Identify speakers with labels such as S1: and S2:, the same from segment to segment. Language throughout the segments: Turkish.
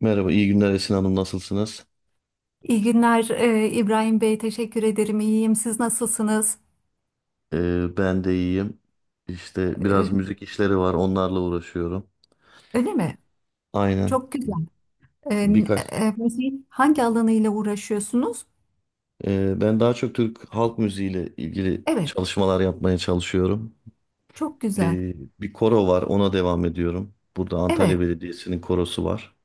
S1: Merhaba, iyi günler Esin Hanım, nasılsınız?
S2: İyi günler İbrahim Bey, teşekkür ederim. İyiyim. Siz nasılsınız?
S1: Ben de iyiyim. İşte biraz
S2: E,
S1: müzik işleri var, onlarla uğraşıyorum.
S2: öyle mi?
S1: Aynen,
S2: Çok güzel. E,
S1: birkaç.
S2: Müziğin hangi alanıyla uğraşıyorsunuz?
S1: Ben daha çok Türk halk müziğiyle ilgili
S2: Evet,
S1: çalışmalar yapmaya çalışıyorum.
S2: çok güzel.
S1: Ee, bir koro var, ona devam ediyorum. Burada
S2: Evet,
S1: Antalya Belediyesi'nin korosu var.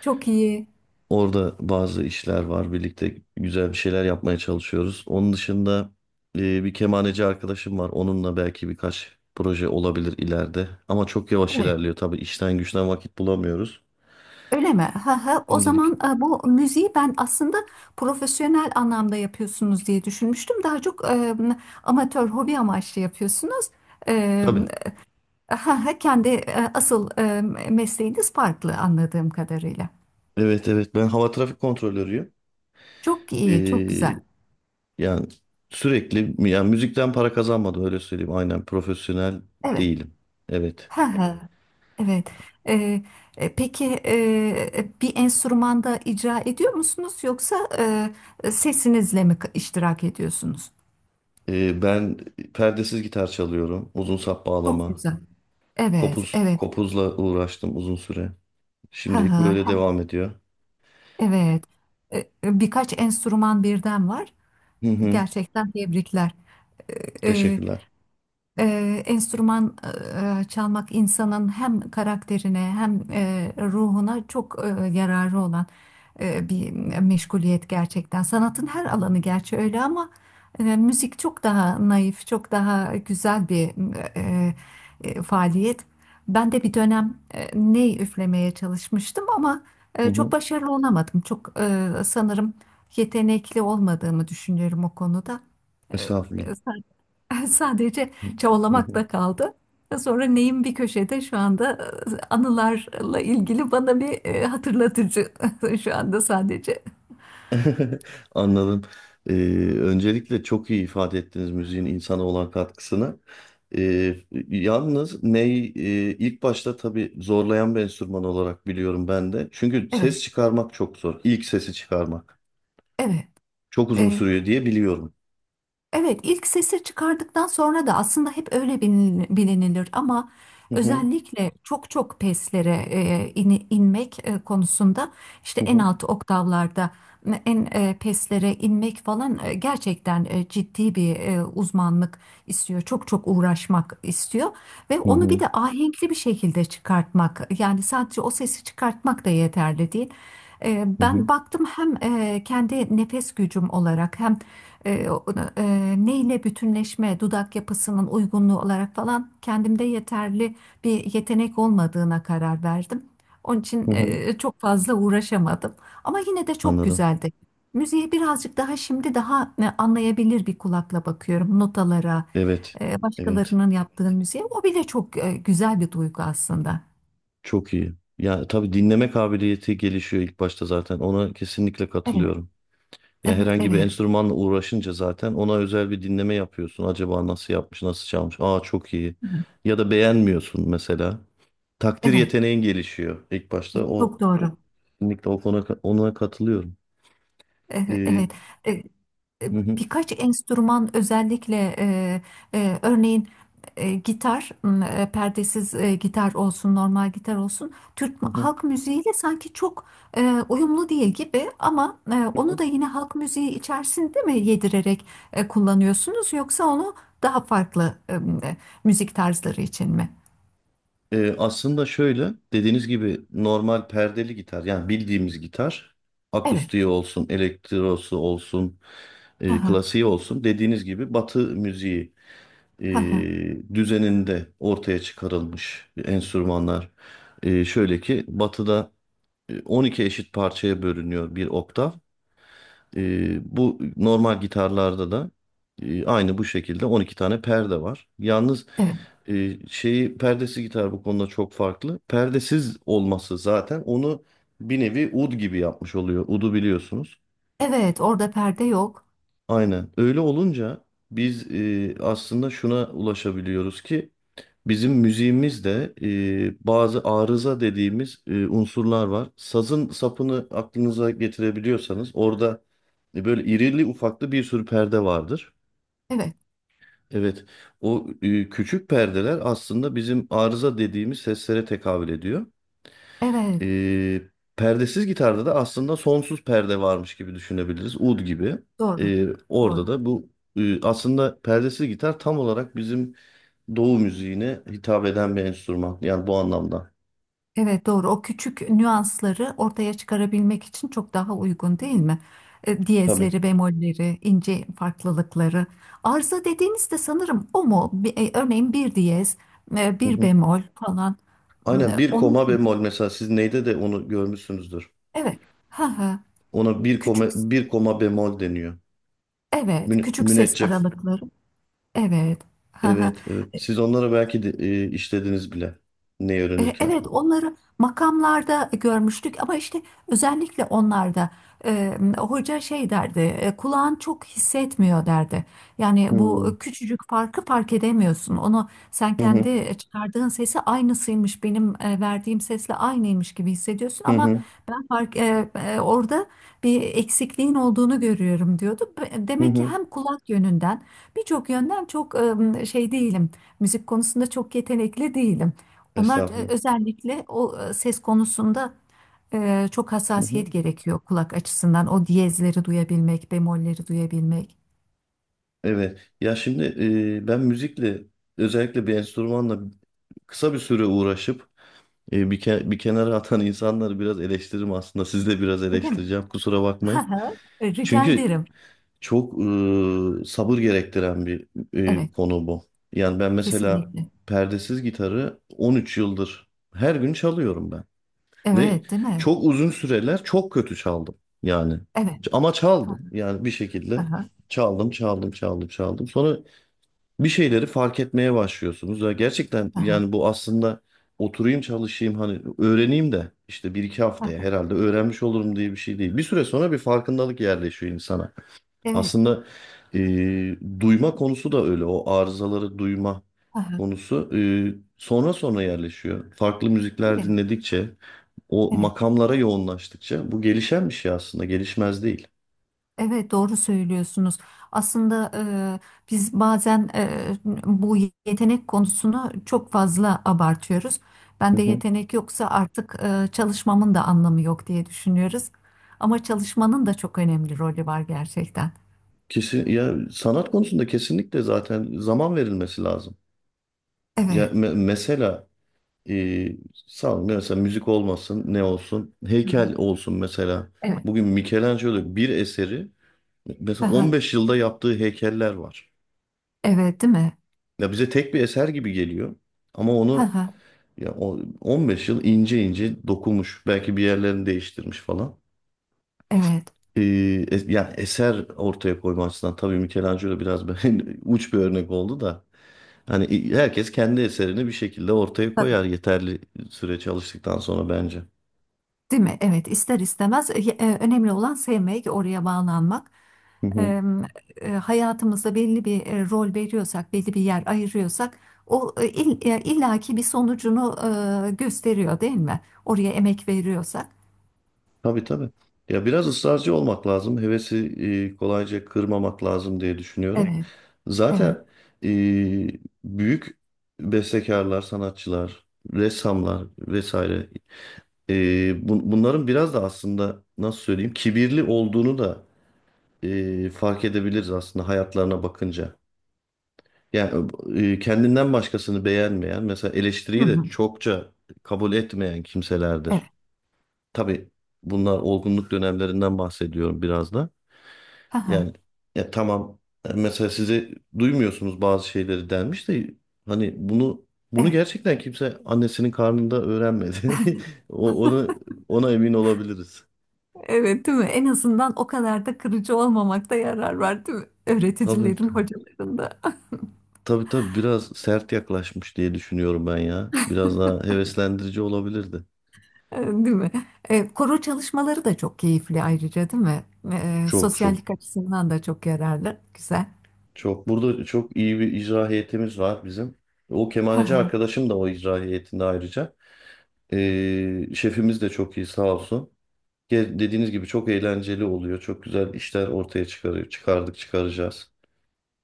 S2: çok iyi.
S1: Orada bazı işler var. Birlikte güzel bir şeyler yapmaya çalışıyoruz. Onun dışında bir kemaneci arkadaşım var. Onunla belki birkaç proje olabilir ileride. Ama çok yavaş
S2: Evet,
S1: ilerliyor. Tabii işten güçten vakit bulamıyoruz.
S2: öyle mi? Ha, ha. O zaman
S1: Şimdilik.
S2: bu müziği ben aslında profesyonel anlamda yapıyorsunuz diye düşünmüştüm. Daha çok amatör, hobi amaçlı yapıyorsunuz. E,
S1: Tabii.
S2: ha, ha, kendi asıl mesleğiniz farklı anladığım kadarıyla.
S1: Evet, evet. Ben hava trafik kontrolörüyüm.
S2: Çok iyi, çok
S1: E,
S2: güzel.
S1: yani sürekli yani müzikten para kazanmadım, öyle söyleyeyim. Aynen, profesyonel
S2: Evet.
S1: değilim. Evet.
S2: Ha ha. Evet. Ee, peki, bir enstrümanda icra ediyor musunuz yoksa sesinizle mi iştirak ediyorsunuz?
S1: Ben perdesiz gitar çalıyorum. Uzun sap
S2: Çok
S1: bağlama.
S2: güzel. Evet,
S1: Kopuz,
S2: evet.
S1: kopuzla uğraştım uzun süre.
S2: Ha
S1: Şimdilik
S2: ha,
S1: böyle
S2: ha.
S1: devam ediyor.
S2: Evet. E, e, Birkaç enstrüman birden var.
S1: Hı hı.
S2: Gerçekten tebrikler. E, e,
S1: Teşekkürler.
S2: Enstrüman çalmak insanın hem karakterine hem ruhuna çok yararı olan bir meşguliyet gerçekten. Sanatın her alanı gerçi öyle ama müzik çok daha naif, çok daha güzel bir eee, faaliyet. Ben de bir dönem ney üflemeye çalışmıştım ama
S1: Hı
S2: çok
S1: hı.
S2: başarılı olamadım. Çok sanırım yetenekli olmadığımı düşünüyorum o konuda.
S1: Estağfurullah.
S2: Eee, Sadece
S1: Hı hı.
S2: çabalamakla kaldı. Sonra neyim bir köşede şu anda anılarla ilgili bana bir hatırlatıcı şu anda sadece.
S1: Anladım. Ee, öncelikle çok iyi ifade ettiniz müziğin insana olan katkısını. Ee, yalnız ney ilk başta tabii zorlayan bir enstrüman olarak biliyorum ben de. Çünkü
S2: Evet,
S1: ses çıkarmak çok zor. İlk sesi çıkarmak.
S2: evet,
S1: Çok uzun
S2: evet.
S1: sürüyor diye biliyorum.
S2: Evet, ilk sesi çıkardıktan sonra da aslında hep öyle bilinilir ama
S1: Hı hı.
S2: özellikle çok çok peslere inmek konusunda işte
S1: Hı
S2: en
S1: hı.
S2: alt oktavlarda en peslere inmek falan gerçekten ciddi bir uzmanlık istiyor. Çok çok uğraşmak istiyor ve
S1: Hı
S2: onu bir
S1: hı.
S2: de ahenkli bir şekilde çıkartmak, yani sadece o sesi çıkartmak da yeterli değil.
S1: Hı hı.
S2: Ben baktım hem kendi nefes gücüm olarak hem e, neyle bütünleşme, dudak yapısının uygunluğu olarak falan kendimde yeterli bir yetenek olmadığına karar verdim. Onun için
S1: Hı hı.
S2: çok fazla uğraşamadım. Ama yine de çok
S1: Anladım.
S2: güzeldi. Müziğe birazcık daha şimdi daha anlayabilir bir kulakla bakıyorum notalara,
S1: Evet. Evet.
S2: başkalarının yaptığı müziğe. O bile çok güzel bir duygu aslında.
S1: Çok iyi. Ya tabii dinleme kabiliyeti gelişiyor ilk başta zaten. Ona kesinlikle
S2: Evet,
S1: katılıyorum. Ya
S2: evet,
S1: herhangi bir
S2: evet,
S1: enstrümanla uğraşınca zaten ona özel bir dinleme yapıyorsun. Acaba nasıl yapmış, nasıl çalmış? Aa, çok iyi.
S2: hı hı,
S1: Ya da beğenmiyorsun mesela. Takdir
S2: evet.
S1: yeteneğin gelişiyor ilk başta. O,
S2: Çok
S1: o
S2: doğru.
S1: kesinlikle o konu ona katılıyorum.
S2: Evet,
S1: Ee,
S2: evet. E, e,
S1: hı hı,
S2: Birkaç enstrüman özellikle, örneğin gitar, perdesiz gitar olsun, normal gitar olsun. Türk
S1: hı hı.
S2: halk müziğiyle sanki çok e, uyumlu değil gibi, ama onu da yine halk müziği içerisinde mi yedirerek kullanıyorsunuz, yoksa onu daha farklı e, müzik tarzları için mi?
S1: Aslında şöyle, dediğiniz gibi normal perdeli gitar, yani bildiğimiz gitar
S2: Evet.
S1: akustiği olsun, elektrosu olsun,
S2: Aha,
S1: klasiği olsun, dediğiniz gibi Batı müziği e,
S2: aha,
S1: düzeninde ortaya çıkarılmış enstrümanlar. Şöyle ki Batı'da 12 eşit parçaya bölünüyor bir oktav. Bu normal gitarlarda da aynı bu şekilde 12 tane perde var. Yalnız
S2: evet.
S1: şeyi perdesi gitar bu konuda çok farklı. Perdesiz olması zaten onu bir nevi ud gibi yapmış oluyor. Udu biliyorsunuz.
S2: Evet, orada perde yok.
S1: Aynen. Öyle olunca biz aslında şuna ulaşabiliyoruz ki bizim müziğimizde bazı arıza dediğimiz unsurlar var. Sazın sapını aklınıza getirebiliyorsanız orada böyle irili ufaklı bir sürü perde vardır.
S2: Evet,
S1: Evet, o küçük perdeler aslında bizim arıza dediğimiz seslere tekabül ediyor.
S2: evet.
S1: Ee, perdesiz gitarda da aslında sonsuz perde varmış gibi düşünebiliriz. Ud gibi.
S2: Doğru.
S1: Orada
S2: Doğru.
S1: da bu aslında perdesiz gitar tam olarak bizim Doğu müziğine hitap eden bir enstrüman. Yani bu anlamda.
S2: Evet, doğru. O küçük nüansları ortaya çıkarabilmek için çok daha uygun, değil mi?
S1: Tabii.
S2: Diyezleri, bemolleri, ince farklılıkları. Arıza dediğinizde sanırım o mu? Örneğin bir diyez,
S1: Hı
S2: bir
S1: hı.
S2: bemol falan. Hmm,
S1: Aynen, bir
S2: onlar
S1: koma
S2: mı?
S1: bemol mesela, siz neyde de onu görmüşsünüzdür.
S2: Evet. Ha ha.
S1: Ona bir koma,
S2: Küçük.
S1: bir koma bemol deniyor.
S2: Evet.
S1: Mün,
S2: Küçük ses
S1: müneccef.
S2: aralıkları. Evet. Ha ha.
S1: Evet, evet. Siz onları belki de, işlediniz bile. Ne öğrenirken.
S2: Evet, onları makamlarda görmüştük ama işte özellikle onlarda hoca şey derdi, kulağın çok hissetmiyor derdi. Yani
S1: Hı hı.
S2: bu küçücük farkı fark edemiyorsun. Onu sen
S1: Hı hı.
S2: kendi çıkardığın sesi aynısıymış, benim verdiğim sesle aynıymış gibi hissediyorsun,
S1: Hı
S2: ama
S1: hı.
S2: ben orada bir eksikliğin olduğunu görüyorum diyordu. Demek ki hem kulak yönünden birçok yönden çok şey değilim. Müzik konusunda çok yetenekli değilim. Onlar
S1: Estağfurullah.
S2: özellikle o ses konusunda çok
S1: Hı hı.
S2: hassasiyet gerekiyor kulak açısından. O diyezleri duyabilmek, bemolleri duyabilmek.
S1: Evet. Ya şimdi ben müzikle, özellikle bir enstrümanla kısa bir süre uğraşıp bir kenara atan insanları biraz eleştiririm aslında. Siz de biraz
S2: Öyle mi?
S1: eleştireceğim, kusura bakmayın.
S2: Ha, ha. Rica
S1: Çünkü
S2: ederim.
S1: çok sabır gerektiren bir
S2: Evet,
S1: konu bu. Yani ben mesela
S2: kesinlikle.
S1: perdesiz gitarı 13 yıldır her gün çalıyorum ben. Ve
S2: Evet, değil mi?
S1: çok uzun süreler çok kötü çaldım. Yani
S2: Evet.
S1: ama
S2: Ha,
S1: çaldım. Yani bir
S2: ha,
S1: şekilde
S2: ha,
S1: çaldım, çaldım, çaldım, çaldım. Sonra bir şeyleri fark etmeye başlıyorsunuz. Ya gerçekten
S2: ha, ha,
S1: yani bu aslında oturayım çalışayım, hani öğreneyim de işte bir iki
S2: ha.
S1: haftaya herhalde öğrenmiş olurum diye bir şey değil. Bir süre sonra bir farkındalık yerleşiyor insana.
S2: Evet.
S1: Aslında e, duyma konusu da öyle, o arızaları duyma
S2: Ha, ha.
S1: konusu sonra sonra yerleşiyor. Farklı
S2: Değil
S1: müzikler
S2: mi?
S1: dinledikçe o
S2: Evet.
S1: makamlara yoğunlaştıkça bu gelişen bir şey aslında, gelişmez değil.
S2: Evet, doğru söylüyorsunuz. Aslında biz bazen, bu yetenek konusunu çok fazla abartıyoruz.
S1: Hı
S2: Bende
S1: hı.
S2: yetenek yoksa artık çalışmamın da anlamı yok diye düşünüyoruz. Ama çalışmanın da çok önemli rolü var gerçekten.
S1: Kesin, ya sanat konusunda kesinlikle zaten zaman verilmesi lazım. Ya
S2: Evet.
S1: mesela e, sağ ol, mesela müzik olmasın, ne olsun, heykel olsun mesela.
S2: Evet.
S1: Bugün Michelangelo bir eseri, mesela
S2: Aha,
S1: 15 yılda yaptığı heykeller var.
S2: evet, değil mi?
S1: Ya bize tek bir eser gibi geliyor ama onu,
S2: Aha,
S1: ya o 15 yıl ince ince dokunmuş, belki bir yerlerini değiştirmiş falan.
S2: evet.
S1: E, yani eser ortaya koyma açısından tabii Michelangelo biraz uç bir örnek oldu da. Hani herkes kendi eserini bir şekilde ortaya koyar yeterli süre çalıştıktan sonra, bence.
S2: Değil mi? Evet, ister istemez önemli olan sevmek, oraya bağlanmak.
S1: Hı hı.
S2: E, Hayatımızda belli bir rol veriyorsak, belli bir yer ayırıyorsak, o illaki bir sonucunu gösteriyor, değil mi? Oraya emek veriyorsak.
S1: Tabii, tabii. Ya biraz ısrarcı olmak lazım. Hevesi kolayca kırmamak lazım diye düşünüyorum.
S2: Evet, evet.
S1: Zaten e, büyük bestekarlar, sanatçılar, ressamlar vesaire, bunların biraz da aslında, nasıl söyleyeyim, kibirli olduğunu da fark edebiliriz aslında hayatlarına bakınca. Yani kendinden başkasını beğenmeyen, mesela
S2: Hı
S1: eleştiriyi de
S2: hı,
S1: çokça kabul etmeyen kimselerdir.
S2: evet.
S1: Tabii, bunlar olgunluk dönemlerinden bahsediyorum biraz da.
S2: Aha,
S1: Yani ya tamam, mesela size duymuyorsunuz bazı şeyleri denmiş de, hani bunu
S2: evet.
S1: gerçekten kimse annesinin karnında öğrenmedi. O- Ona ona emin olabiliriz.
S2: Evet, değil mi? En azından o kadar da kırıcı olmamakta yarar var, değil mi?
S1: Tabii,
S2: Öğreticilerin, hocaların da.
S1: tabii, tabii, biraz sert yaklaşmış diye düşünüyorum ben ya. Biraz daha heveslendirici olabilirdi.
S2: Değil mi? Koro çalışmaları da çok keyifli ayrıca, değil mi?
S1: Çok, çok,
S2: Sosyallik açısından da çok yararlı. Güzel.
S1: çok. Burada çok iyi bir icra heyetimiz var bizim. O
S2: Hı
S1: kemaneci
S2: hı.
S1: arkadaşım da o icra heyetinde ayrıca. Şefimiz de çok iyi, sağ olsun. Dediğiniz gibi çok eğlenceli oluyor. Çok güzel işler ortaya çıkarıyor. Çıkardık, çıkaracağız.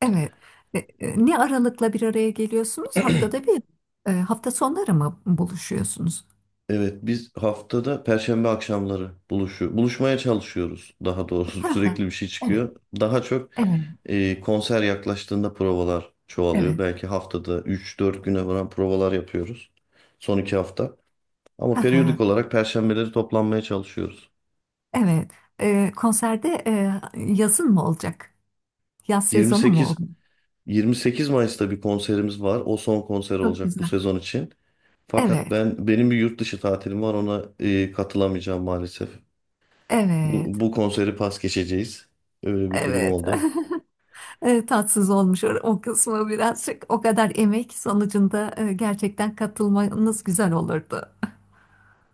S2: Evet. Ne aralıkla bir araya geliyorsunuz? Haftada bir, hafta sonları mı buluşuyorsunuz?
S1: Evet, biz haftada Perşembe akşamları buluşuyor, buluşmaya çalışıyoruz daha doğrusu.
S2: Hı hı.
S1: Sürekli bir şey
S2: Evet,
S1: çıkıyor. Daha çok
S2: evet,
S1: konser yaklaştığında provalar çoğalıyor.
S2: evet.
S1: Belki haftada 3-4 güne varan provalar yapıyoruz. Son 2 hafta. Ama
S2: Hı hı.
S1: periyodik olarak Perşembeleri toplanmaya çalışıyoruz.
S2: Evet. Konserde yazın mı olacak? Yaz sezonu mu oldu?
S1: 28 28 Mayıs'ta bir konserimiz var. O son konser
S2: Çok
S1: olacak bu
S2: güzel.
S1: sezon için. Fakat
S2: Evet,
S1: benim bir yurt dışı tatilim var, ona katılamayacağım maalesef.
S2: evet,
S1: Bu konseri pas geçeceğiz. Öyle bir durum
S2: evet.
S1: oldu.
S2: Tatsız olmuş o, o kısmı birazcık. O kadar emek sonucunda gerçekten katılmanız güzel olurdu.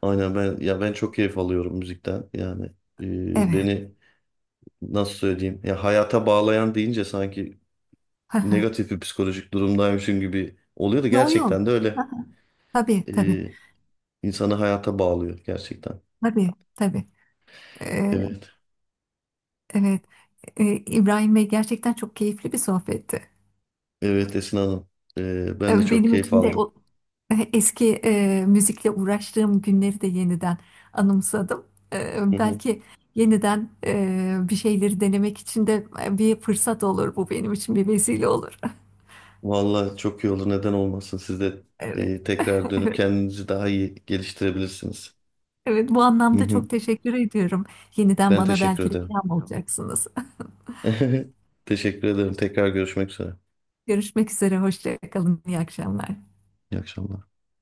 S1: Aynen, ben çok keyif alıyorum müzikten. Yani
S2: Evet.
S1: beni nasıl söyleyeyim, ya hayata bağlayan deyince sanki negatif bir psikolojik durumdaymışım gibi oluyor da,
S2: Yo
S1: gerçekten
S2: yo.
S1: de öyle.
S2: Tabii tabii.
S1: E, insanı hayata bağlıyor gerçekten.
S2: Tabii tabii. E,
S1: Evet.
S2: evet. İbrahim Bey, gerçekten çok keyifli bir sohbetti.
S1: Evet, Esin Hanım. E, ben de
S2: Evet,
S1: çok
S2: benim
S1: keyif
S2: için de
S1: aldım.
S2: o eski müzikle uğraştığım günleri de yeniden anımsadım. Belki yeniden bir şeyleri denemek için de bir fırsat olur, bu benim için bir vesile olur.
S1: Vallahi çok iyi olur. Neden olmasın? Siz de
S2: Evet.
S1: tekrar dönüp kendinizi daha iyi geliştirebilirsiniz.
S2: Evet, bu
S1: Hı
S2: anlamda
S1: hı.
S2: çok teşekkür ediyorum. Yeniden
S1: Ben
S2: bana
S1: teşekkür
S2: belki de
S1: ederim.
S2: ilham olacaksınız.
S1: Teşekkür ederim. Tekrar görüşmek üzere.
S2: Görüşmek üzere, hoşça kalın, iyi akşamlar.
S1: İyi akşamlar.